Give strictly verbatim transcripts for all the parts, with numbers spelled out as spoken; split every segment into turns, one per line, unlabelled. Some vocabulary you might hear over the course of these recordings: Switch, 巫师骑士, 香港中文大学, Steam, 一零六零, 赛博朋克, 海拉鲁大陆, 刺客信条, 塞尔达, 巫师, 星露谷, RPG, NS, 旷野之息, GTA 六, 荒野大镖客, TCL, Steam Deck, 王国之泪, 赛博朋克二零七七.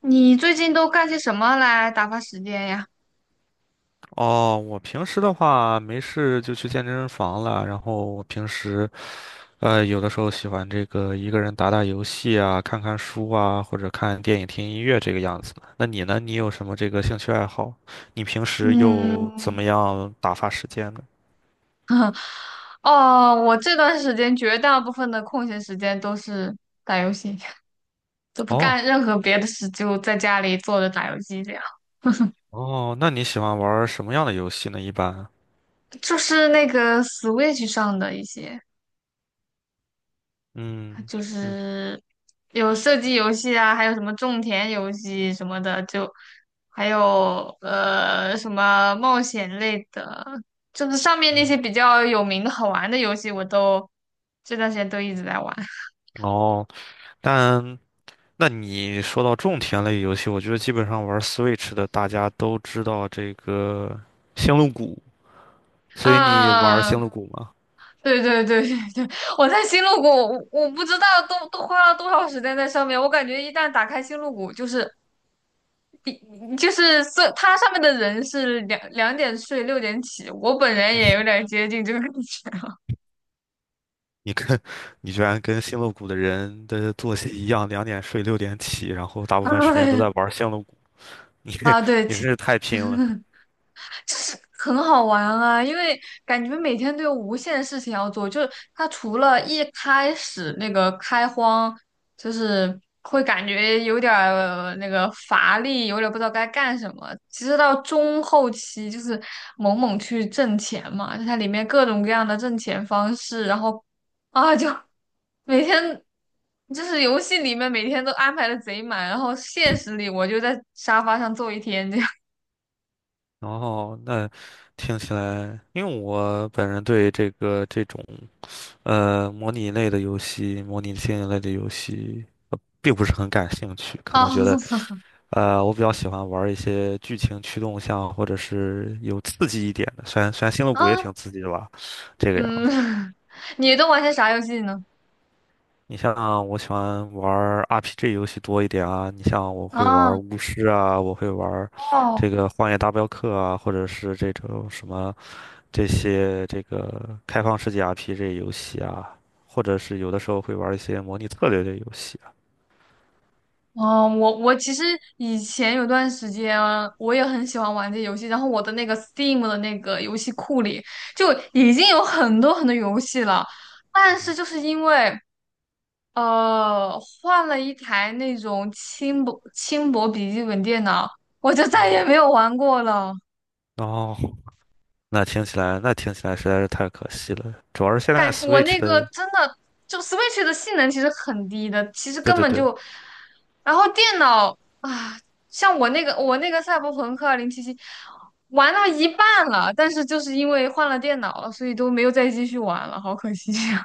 你最近都干些什么来打发时间呀？
哦，我平时的话没事就去健身房了，然后我平时呃有的时候喜欢这个一个人打打游戏啊，看看书啊，或者看电影、听音乐这个样子。那你呢？你有什么这个兴趣爱好？你平时又怎
嗯，
么样打发时间呢？
哦，我这段时间绝大部分的空闲时间都是打游戏，都不
哦
干任何别的事，就在家里坐着打游戏这样。
哦，那你喜欢玩儿什么样的游戏呢？一般，
就是那个 Switch 上的一些。
嗯
就
嗯
是有射击游戏啊，还有什么种田游戏什么的，就还有呃什么冒险类的，就是上面那
嗯，
些比较有名的好玩的游戏，我都这段时间都一直在玩。
哦，但。那你说到种田类游戏，我觉得基本上玩 Switch 的大家都知道这个星露谷，所以你玩
啊，
星露谷吗？
对对对对对，我在星露谷，我我不知道都都花了多少时间在上面。我感觉一旦打开星露谷，就是比就是色，它上面的人是两两点睡六点起，我本人也有点接近这个感觉。
你居然跟星露谷的人的作息一样，两点睡六点起，然后 大部分时间都
哎
在玩星露谷，你
啊，对，
你真
其
是太拼了。
就是很好玩啊，因为感觉每天都有无限事情要做。就是它除了一开始那个开荒，就是会感觉有点儿那个乏力，有点儿不知道该干什么。其实到中后期，就是猛猛去挣钱嘛，就它里面各种各样的挣钱方式，然后啊，就每天就是游戏里面每天都安排的贼满，然后现实里我就在沙发上坐一天。这样。
然后那听起来，因为我本人对这个这种呃模拟类的游戏、模拟经营类的游戏并不是很感兴趣，可
哦，
能觉得。呃，我比较喜欢玩一些剧情驱动项，或者是有刺激一点的。虽然虽然星露谷也
啊。
挺刺激的吧，这个样
嗯，
子。
你都玩些啥游戏呢？
你像我喜欢玩 R P G 游戏多一点啊，你像我会玩
啊。
巫师啊，我会玩这
哦，
个《荒野大镖客》啊，或者是这种什么这些这个开放世界 R P G 游戏啊，或者是有的时候会玩一些模拟策略类游戏啊。
哦，我我其实以前有段时间啊我也很喜欢玩这游戏，然后我的那个 Steam 的那个游戏库里就已经有很多很多游戏了，
嗯
但是
哼
就是因为呃换了一台那种轻薄轻薄笔记本电脑，我就
嗯
再也
哼
没有玩过了。
哦，那听起来那听起来实在是太可惜了，主要是现在
感我
Switch
那个
的。
真的就 Switch 的性能其实很低的，其实
对
根
对
本
对，
就，然后电脑啊，像我那个我那个赛博朋克二零七七玩到一半了，但是就是因为换了电脑了，所以都没有再继续玩了，好可惜呀。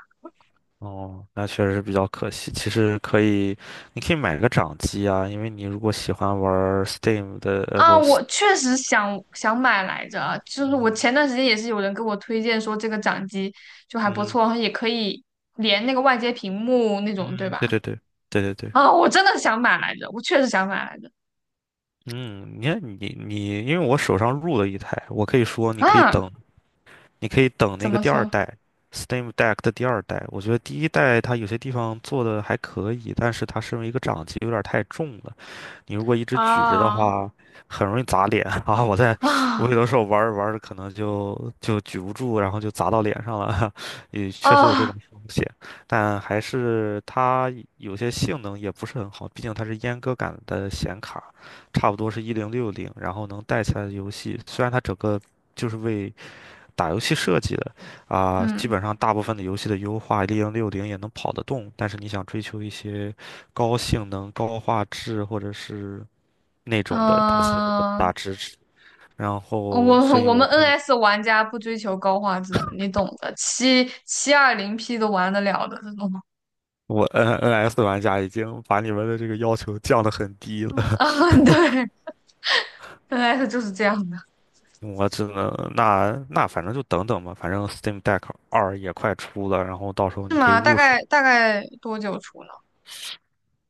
哦，那确实是比较可惜。其实可以，你可以买个掌机啊，因为你如果喜欢玩儿 Steam 的，呃，
啊，
不，
我确实想想买来着啊，就是我
嗯
前段时间也是有人给我推荐说这个掌机就还不
嗯
错，然后也可以连那个外接屏幕那
嗯，
种，对吧？
对对对对对对，
啊，我真的想买来着，我确实想买来着。
嗯，你看你你，因为我手上入了一台，我可以说你可以
啊，
等，你可以等
怎
那个
么
第二
说
代 Steam Deck 的第二代。我觉得第一代它有些地方做的还可以，但是它身为一个掌机有点儿太重了。你如果一直举着的
啊
话，很容易砸脸 啊！我在，我
啊
有的时候玩着玩着可能就就举不住，然后就砸到脸上了，也确实有这种
啊？
风险。但还是它有些性能也不是很好，毕竟它是阉割感的显卡，差不多是一零六零，然后能带起来的游戏，虽然它整个就是为打游戏设计的，啊、基
嗯
本上大部分的游戏的优化，一零六零也能跑得动，但是你想追求一些高性能、高画质或者是那种的，它其实很大
嗯，
支持。然
我
后，所以
我
我
们
可以，
N S 玩家不追求高画质，你懂的，七七二零 P 都玩得了的这种。
我 N N S 玩家已经把你们的这个要求降得很低 了。
啊，对，N S 就是这样的。
我只能那那反正就等等吧，反正 Steam Deck 二也快出了，然后到时候
是
你可以
吗？大
入手。
概大概多久出呢？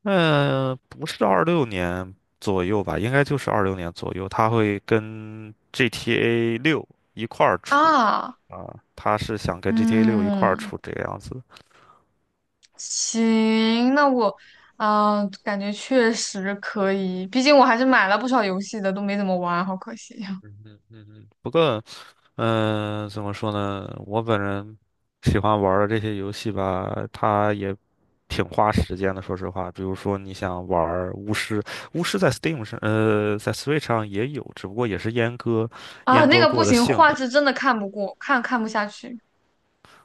嗯、不是二六年左右吧，应该就是二六年左右，它会跟 GTA 六一块儿出
啊。
啊，它是想跟 GTA 六一块儿
嗯。
出这个样子。
行，那我啊，感觉确实可以，毕竟我还是买了不少游戏的，都没怎么玩，好可惜呀。
嗯嗯，不过，嗯、怎么说呢？我本人喜欢玩儿的这些游戏吧，它也挺花时间的。说实话，比如说你想玩儿巫师，巫师在 Steam 上，呃，在 Switch 上也有，只不过也是阉割、
啊，
阉
那
割
个不
过的
行，
性
画
能。
质真的看不过，看看不下去。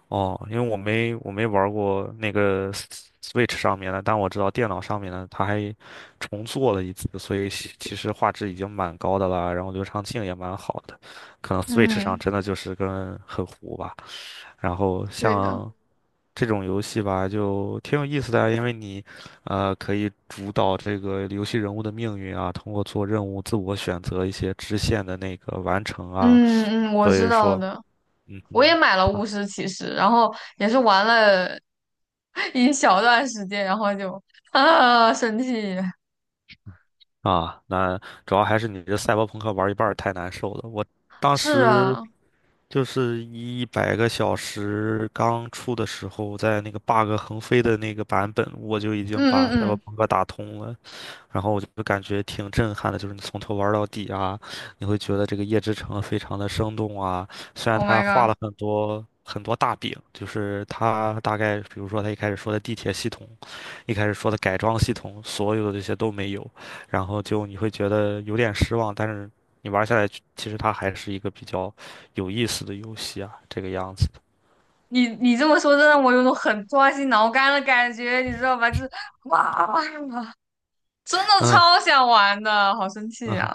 哦，因为我没我没玩过那个 S- w i t c h 上面的，但我知道电脑上面的，它还重做了一次，所以其其实画质已经蛮高的了，然后流畅性也蛮好的，可能 Switch 上
嗯，
真的就是跟很糊吧。然后
对的。
像这种游戏吧，就挺有意思的啊因为你，呃，可以主导这个游戏人物的命运啊，通过做任务自我选择一些支线的那个完成啊，
嗯嗯，我
所
知
以
道
说。
的，
嗯
我
哼。
也买了《巫师骑士》，然后也是玩了 一小段时间，然后就啊生气。
啊，那主要还是你这赛博朋克玩一半儿太难受了。我当
是
时
啊，
就是一百个小时刚出的时候，在那个 bug 横飞的那个版本，我就已
嗯
经把赛
嗯
博
嗯
朋克打通了。然后我就感觉挺震撼的，就是你从头玩到底啊，你会觉得这个夜之城非常的生动啊。虽然
，Oh my
他画
god，
了很多很多大饼，就是他大概，比如说他一开始说的地铁系统，一开始说的改装系统，所有的这些都没有，然后就你会觉得有点失望，但是你玩下来，其实它还是一个比较有意思的游戏啊，这个样子的。
你你这么说，真让我有种很抓心挠肝的感觉，你知道吧？就是哇，真的
嗯
超想玩的，好生气
嗯
啊！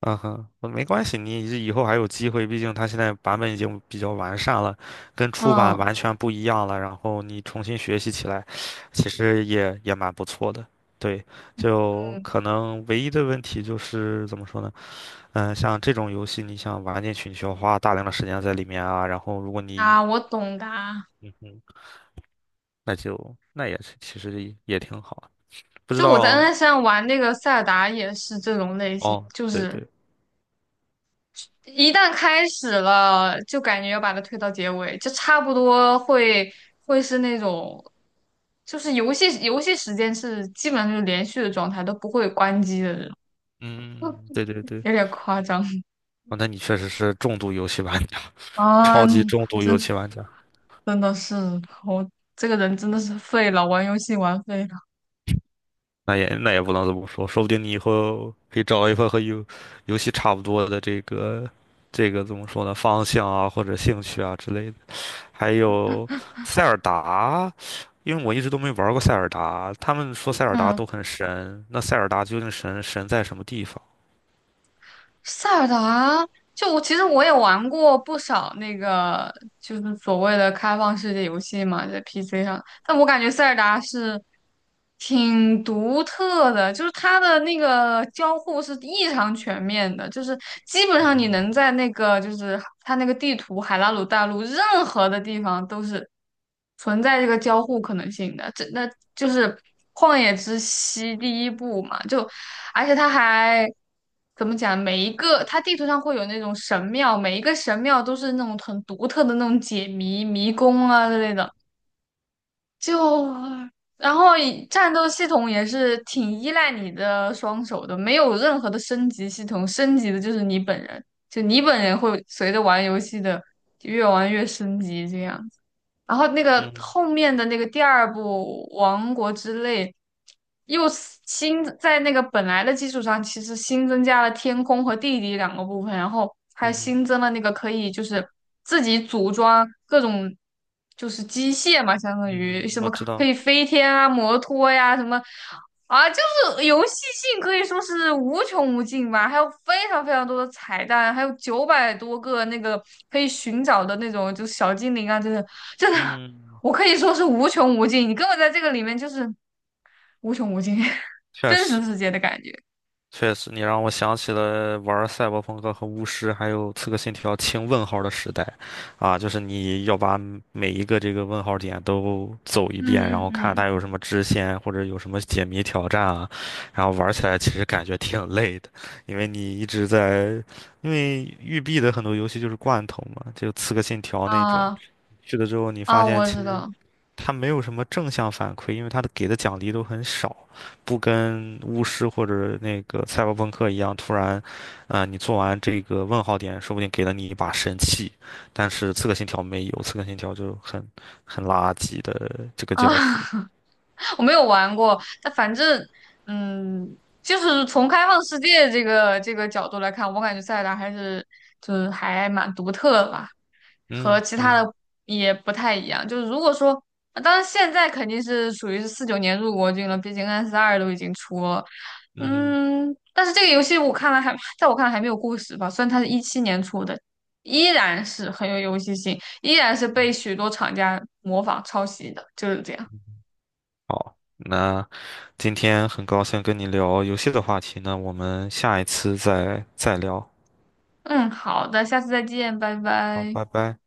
嗯哼，呃没关系，你以后还有机会，毕竟它现在版本已经比较完善了，跟初版
嗯
完全不一样了。然后你重新学习起来，其实也也蛮不错的。对，就
嗯
可能唯一的问题就是怎么说呢？嗯，像这种游戏，你想玩进去，你需要花大量的时间在里面啊。然后如果你
啊，我懂的啊
那就那也是其实也也挺好的不知
就我在
道
N S 上玩那个塞尔达也是这种类型，
哦，
就
对
是
对，
一旦开始了，就感觉要把它推到结尾，就差不多会会是那种，就是游戏游戏时间是基本上就是连续的状态，都不会关机的这种，
嗯，对对对，
有点夸张
哦，那你确实是重度游戏玩家。
啊！
超级重度游
真
戏玩家，
真的是我这个人真的是废了，玩游戏玩废了。
那也那也不能这么说，说不定你以后可以找一份和游游戏差不多的这个这个怎么说呢，方向啊或者兴趣啊之类的。还有塞尔达，因为我一直都没玩过塞尔达，他们说塞尔达
嗯，
都很神，那塞尔达究竟神神在什么地方？
塞尔达啊，就我其实我也玩过不少那个，就是所谓的开放世界游戏嘛，在 P C 上。但我感觉塞尔达是挺独特的，就是它的那个交互是异常全面的，就是基本上你能在那个就是它那个地图海拉鲁大陆任何的地方都是存在这个交互可能性的。这那就是《旷野之息》第一部嘛，就而且它还。怎么讲？每一个它地图上会有那种神庙，每一个神庙都是那种很独特的那种解谜迷宫啊之类的。就然后以战斗系统也是挺依赖你的双手的，没有任何的升级系统，升级的就是你本人，就你本人会随着玩游戏的越玩越升级这样。然后那个
嗯
后面的那个第二部《王国之泪》，又是新在那个本来的基础上，其实新增加了天空和地底两个部分，然后还
嗯哼
新增了那个可以就是自己组装各种就是机械嘛，相当于
嗯，
什
我
么可
知
可
道，
以飞天啊、摩托呀、什么啊，就是游戏性可以说是无穷无尽吧，还有非常非常多的彩蛋，还有九百多个那个可以寻找的那种就小精灵啊，这些。真的，
嗯，
我可以说是无穷无尽。你根本在这个里面就是无穷无尽，
确
真实
实。
世界的感觉。
确实，你让我想起了玩赛博朋克和巫师，还有刺客信条清问号的时代，啊，就是你要把每一个这个问号点都走一遍，然
嗯嗯
后看
嗯，
它有什么支线或者有什么解谜挑战啊，然后玩起来其实感觉挺累的，因为你一直在，因为育碧的很多游戏就是罐头嘛，就刺客信条那种，
啊
去了之后你
啊，
发现。
我知道。
他没有什么正向反馈，因为他的给的奖励都很少，不跟巫师或者那个赛博朋克一样，突然，啊，你做完这个问号点，说不定给了你一把神器，但是刺客信条没有，刺客信条就很很垃圾的这个
啊，
交互。
我没有玩过，但反正，嗯，就是从开放世界这个这个角度来看，我感觉塞尔达还是就是还蛮独特的吧，和
嗯
其他
嗯
的也不太一样。就是如果说，呃当然现在肯定是属于是四九年入国军了，毕竟 N S 二都已经出了，
嗯哼
嗯，但是这个游戏我看来还，在我看来还没有故事吧，虽然它是一七年出的，依然是很有游戏性。依然是被许多厂家模仿抄袭的，就是这样。
那今天很高兴跟你聊游戏的话题呢，我们下一次再再聊。
嗯，好的，下次再见，拜
好，
拜。
拜拜。